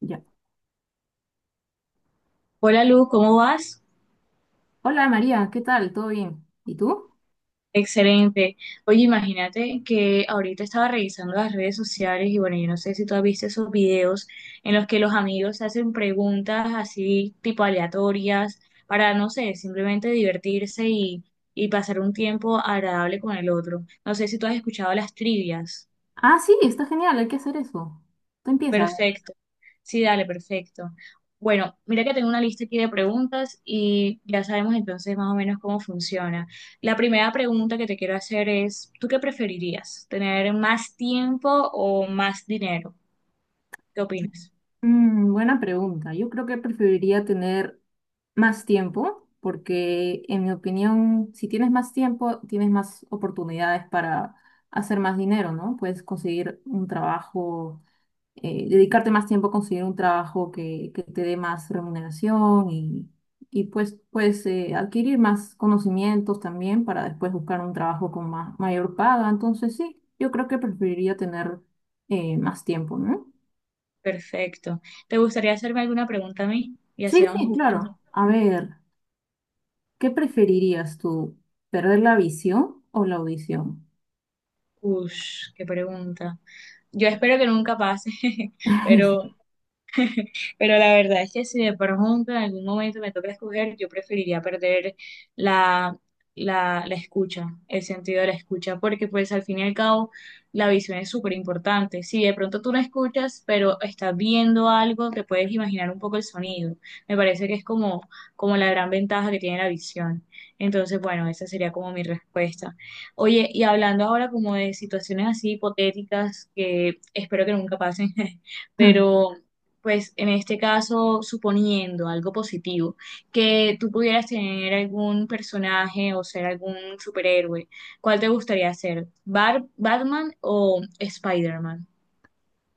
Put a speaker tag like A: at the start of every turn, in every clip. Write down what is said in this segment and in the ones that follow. A: Ya.
B: Hola Luz, ¿cómo vas?
A: Hola María, ¿qué tal? ¿Todo bien? ¿Y tú?
B: Excelente. Oye, imagínate que ahorita estaba revisando las redes sociales y bueno, yo no sé si tú has visto esos videos en los que los amigos hacen preguntas así tipo aleatorias para, no sé, simplemente divertirse y pasar un tiempo agradable con el otro. No sé si tú has escuchado las trivias.
A: Ah, sí, está genial, hay que hacer eso. Tú empieza.
B: Perfecto. Sí, dale, perfecto. Bueno, mira que tengo una lista aquí de preguntas y ya sabemos entonces más o menos cómo funciona. La primera pregunta que te quiero hacer es, ¿tú qué preferirías? ¿Tener más tiempo o más dinero? ¿Qué opinas?
A: Buena pregunta. Yo creo que preferiría tener más tiempo, porque en mi opinión, si tienes más tiempo, tienes más oportunidades para hacer más dinero, ¿no? Puedes conseguir un trabajo, dedicarte más tiempo a conseguir un trabajo que te dé más remuneración y, y pues, adquirir más conocimientos también para después buscar un trabajo con más, mayor paga. Entonces sí, yo creo que preferiría tener, más tiempo, ¿no?
B: Perfecto. ¿Te gustaría hacerme alguna pregunta a mí? Y así
A: Sí,
B: vamos
A: sí,
B: jugando.
A: claro. A ver, ¿qué preferirías tú? ¿Perder la visión o la audición?
B: Ush, qué pregunta. Yo espero que nunca pase, pero Pero la verdad es que si de pronto en algún momento me toca escoger, yo preferiría perder la, la escucha, el sentido de la escucha, porque pues al fin y al cabo la visión es súper importante. Si de pronto tú no escuchas, pero estás viendo algo, te puedes imaginar un poco el sonido. Me parece que es como la gran ventaja que tiene la visión. Entonces, bueno, esa sería como mi respuesta. Oye, y hablando ahora como de situaciones así hipotéticas que espero que nunca pasen, pero pues en este caso, suponiendo algo positivo, que tú pudieras tener algún personaje o ser algún superhéroe, ¿cuál te gustaría ser? ¿Batman o Spider-Man?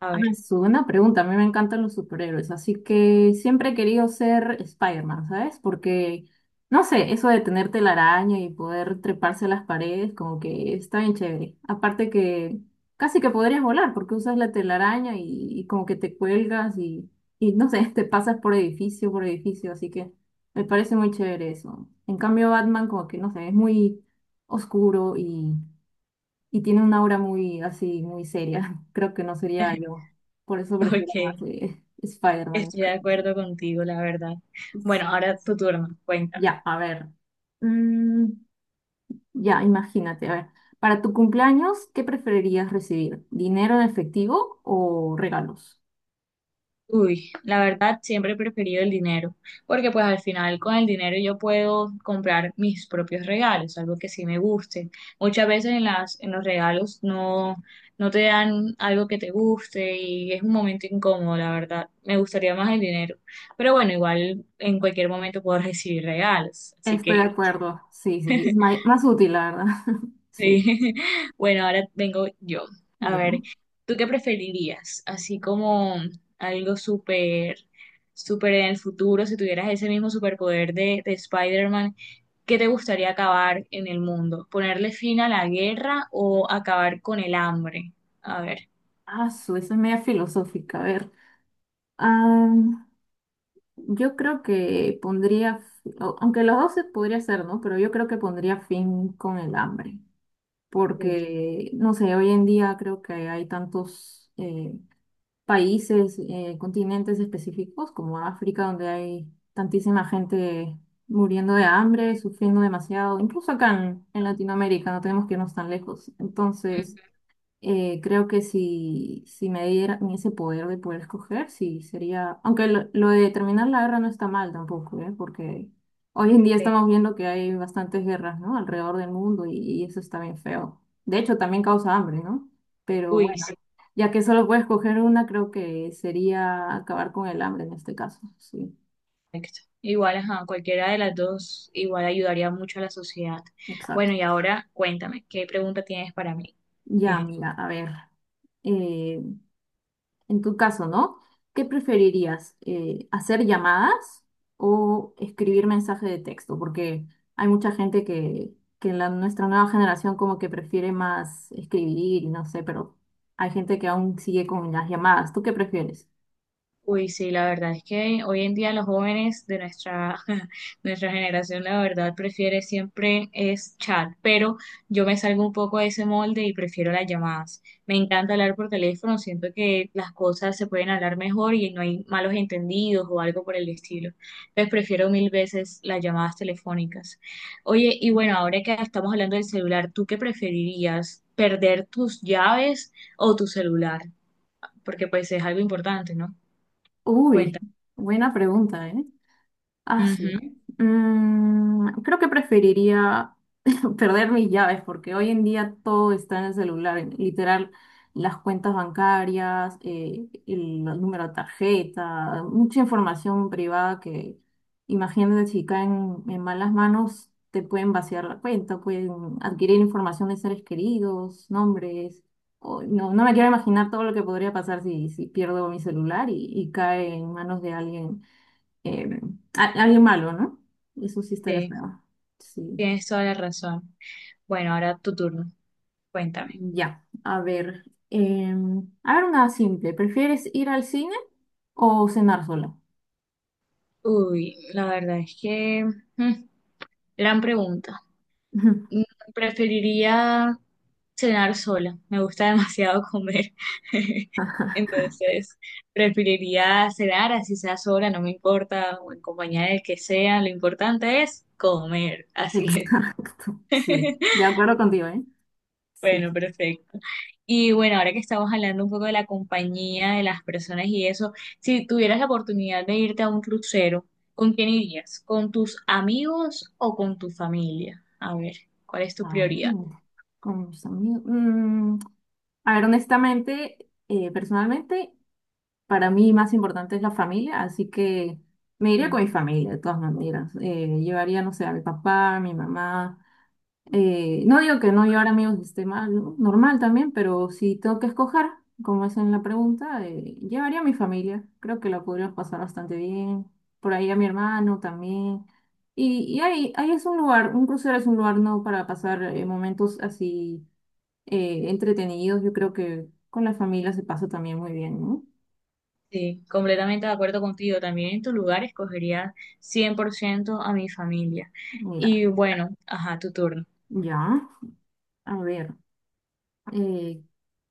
B: A
A: Ah,
B: ver,
A: es una pregunta. A mí me encantan los superhéroes, así que siempre he querido ser Spider-Man, ¿sabes? Porque, no sé, eso de tener telaraña y poder treparse a las paredes, como que está bien chévere. Aparte que casi que podrías volar porque usas la telaraña y como que te cuelgas y, no sé, te pasas por edificio, así que me parece muy chévere eso. En cambio, Batman como que, no sé, es muy oscuro y tiene una aura muy así, muy seria. Creo que no sería yo. Por eso prefiero más,
B: ok,
A: Spider-Man.
B: estoy de acuerdo contigo, la verdad. Bueno,
A: Sí.
B: ahora tu turno, cuéntame.
A: Ya, a ver. Mm, ya, imagínate, a ver. Para tu cumpleaños, ¿qué preferirías recibir? ¿Dinero en efectivo o regalos?
B: Uy, la verdad siempre he preferido el dinero, porque pues al final con el dinero yo puedo comprar mis propios regalos, algo que sí me guste. Muchas veces en en los regalos no te dan algo que te guste y es un momento incómodo, la verdad. Me gustaría más el dinero, pero bueno, igual en cualquier momento puedo recibir regalos, así
A: Estoy de
B: que
A: acuerdo. Sí, sí, sí. Más útil, la verdad. Sí.
B: sí. Bueno, ahora vengo yo. A
A: Ya.
B: ver, ¿tú qué preferirías? Así como algo súper en el futuro, si tuvieras ese mismo superpoder de Spider-Man, ¿qué te gustaría acabar en el mundo? ¿Ponerle fin a la guerra o acabar con el hambre? A ver.
A: Esa es media filosófica. A ver. Yo creo que pondría, aunque los dos se podría hacer, ¿no? Pero yo creo que pondría fin con el hambre,
B: Uf.
A: porque, no sé, hoy en día creo que hay tantos, países, continentes específicos como África, donde hay tantísima gente muriendo de hambre, sufriendo demasiado, incluso acá en Latinoamérica, no tenemos que irnos tan lejos. Entonces creo que si, si me diera ese poder de poder escoger, sí sería. Aunque lo de terminar la guerra no está mal tampoco, ¿eh? Porque hoy en día
B: Sí.
A: estamos viendo que hay bastantes guerras, ¿no? Alrededor del mundo y eso está bien feo. De hecho, también causa hambre, ¿no? Pero
B: Uy,
A: bueno,
B: sí,
A: ya que solo puedes escoger una, creo que sería acabar con el hambre en este caso. Sí,
B: perfecto. Igual, ajá, cualquiera de las dos igual ayudaría mucho a la sociedad.
A: exacto.
B: Bueno, y ahora cuéntame, ¿qué pregunta tienes para mí?
A: Ya, mira, a ver. eh, En tu caso, ¿no? ¿Qué preferirías? ¿Hacer llamadas o escribir mensaje de texto? Porque hay mucha gente que en la, nuestra nueva generación como que prefiere más escribir y no sé, pero hay gente que aún sigue con las llamadas. ¿Tú qué prefieres?
B: Uy, sí, la verdad es que hoy en día los jóvenes de nuestra generación, la verdad, prefiere siempre es chat, pero yo me salgo un poco de ese molde y prefiero las llamadas. Me encanta hablar por teléfono, siento que las cosas se pueden hablar mejor y no hay malos entendidos o algo por el estilo. Entonces prefiero mil veces las llamadas telefónicas. Oye, y bueno, ahora que estamos hablando del celular, ¿tú qué preferirías? ¿Perder tus llaves o tu celular? Porque pues es algo importante, ¿no?
A: Uy,
B: Cuéntame.
A: buena pregunta, ¿eh? Ah, sí.
B: Ujú.
A: Creo que preferiría perder mis llaves porque hoy en día todo está en el celular. Literal, las cuentas bancarias, el, número de tarjeta, mucha información privada que imagínate si caen en malas manos, te pueden vaciar la cuenta, pueden adquirir información de seres queridos, nombres. No, no me quiero imaginar todo lo que podría pasar si, si pierdo mi celular y cae en manos de alguien, eh, alguien malo, ¿no? Eso sí estaría
B: Sí,
A: feo. Sí.
B: tienes toda la razón. Bueno, ahora tu turno. Cuéntame.
A: Ya, a ver. eh, a ver, una simple. ¿Prefieres ir al cine o cenar sola?
B: Uy, la verdad es que mm, gran pregunta. Mm, Preferiría cenar sola. Me gusta demasiado comer. Entonces, preferiría cenar así sea sola, no me importa, o en compañía del que sea. Lo importante es comer. Así es.
A: Exacto. Sí, de acuerdo contigo, ¿eh? Sí, sí.
B: Bueno, perfecto. Y bueno, ahora que estamos hablando un poco de la compañía, de las personas y eso, si tuvieras la oportunidad de irte a un crucero, ¿con quién irías? ¿Con tus amigos o con tu familia? A ver, ¿cuál es tu
A: Ah,
B: prioridad?
A: mm, con mis amigos. A ver, honestamente, personalmente, para mí más importante es la familia, así que me iría
B: Ujú.
A: con mi familia, de todas maneras. Llevaría, no sé, a mi papá, a mi mamá. No digo que no llevar amigos esté mal, ¿no? Normal también, pero si tengo que escoger, como es en la pregunta, llevaría a mi familia. Creo que la podríamos pasar bastante bien. Por ahí a mi hermano también. Y ahí, ahí es un lugar, un crucero es un lugar no para pasar, momentos así, entretenidos. Yo creo que con la familia se pasa también muy bien, ¿no?
B: Sí, completamente de acuerdo contigo. También en tu lugar escogería 100% a mi familia.
A: Mira,
B: Y bueno, ajá, tu turno.
A: ya. A ver, eh,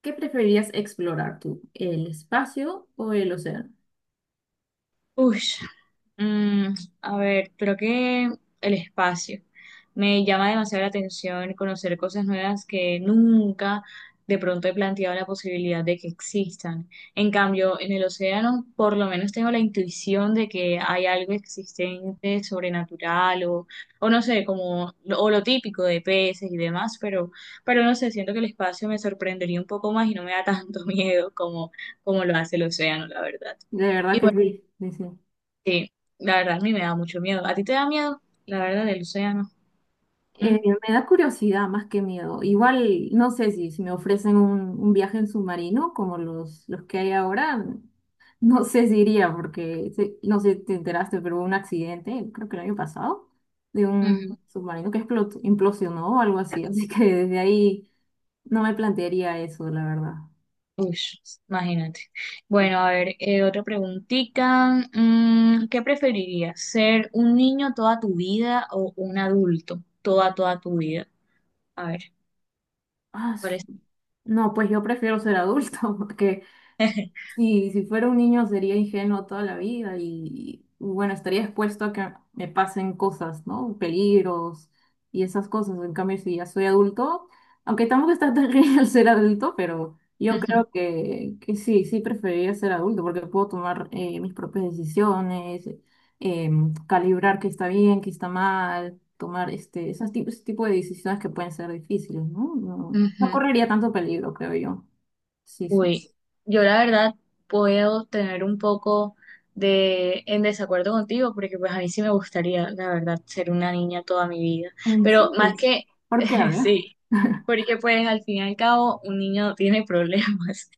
A: ¿qué preferirías explorar tú? ¿El espacio o el océano?
B: Uy, Mm, a ver, creo que el espacio. Me llama demasiado la atención conocer cosas nuevas que nunca de pronto he planteado la posibilidad de que existan. En cambio, en el océano, por lo menos tengo la intuición de que hay algo existente, o no sé, como o lo típico de peces y demás, pero no sé, siento que el espacio me sorprendería un poco más y no me da tanto miedo como lo hace el océano, la verdad.
A: De verdad que sí.
B: Sí, la verdad a mí me da mucho miedo. ¿A ti te da miedo? La verdad del océano. ¿Mm?
A: Eh, me da curiosidad más que miedo. Igual, no sé si, si me ofrecen un viaje en submarino como los que hay ahora, no sé si iría porque, no sé si te enteraste, pero hubo un accidente, creo que el año pasado, de un
B: Ujú.
A: submarino que explotó, implosionó o algo así. Así que desde ahí no me plantearía eso, la verdad.
B: Uy, imagínate. Bueno, a ver, otra preguntita. ¿Qué preferirías? ¿Ser un niño toda tu vida o un adulto toda tu vida? A ver,
A: Ah,
B: ¿cuál es?
A: su- no, pues yo prefiero ser adulto porque sí, si fuera un niño sería ingenuo toda la vida y, bueno, estaría expuesto a que me pasen cosas, ¿no? Peligros y esas cosas. En cambio, si ya soy adulto, aunque tampoco está tan genial ser adulto, pero yo
B: Ujú,
A: creo que sí, sí preferiría ser adulto porque puedo tomar, mis propias decisiones, calibrar qué está bien, qué está mal, tomar este, esos tipos, ese tipo de decisiones que pueden ser difíciles, ¿no? No, no
B: ujú.
A: correría tanto peligro, creo yo. Sí, sí.
B: Uy, yo la verdad puedo tener un poco de en desacuerdo contigo porque pues a mí sí me gustaría, la verdad, ser una niña toda mi vida.
A: ¿En
B: Pero
A: serio?
B: más que,
A: ¿Por qué? A ver.
B: sí, porque pues al fin y al cabo un niño no tiene problemas.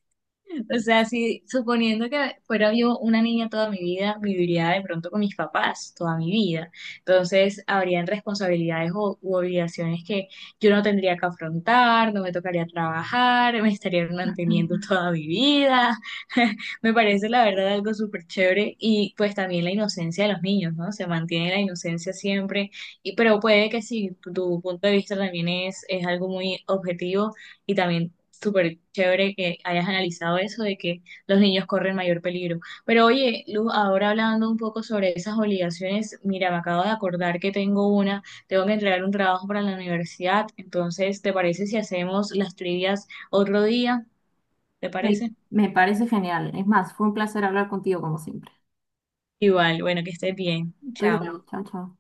B: O sea, si suponiendo que fuera yo una niña toda mi vida, viviría de pronto con mis papás toda mi vida. Entonces, habrían responsabilidades o, u obligaciones que yo no tendría que afrontar, no me tocaría trabajar, me estarían manteniendo toda mi vida. Me parece, la verdad, algo súper chévere. Y pues también la inocencia de los niños, ¿no? Se mantiene la inocencia siempre. Y, pero puede que si tu punto de vista también es algo muy objetivo y también súper chévere que hayas analizado eso de que los niños corren mayor peligro. Pero oye, Luz, ahora hablando un poco sobre esas obligaciones, mira, me acabo de acordar que tengo tengo que entregar un trabajo para la universidad, entonces, ¿te parece si hacemos las trivias otro día? ¿Te
A: Me,
B: parece?
A: me parece genial. Es más, fue un placer hablar contigo como siempre.
B: Igual, bueno, que estés bien.
A: Tú
B: Chao.
A: igual, chao, chao.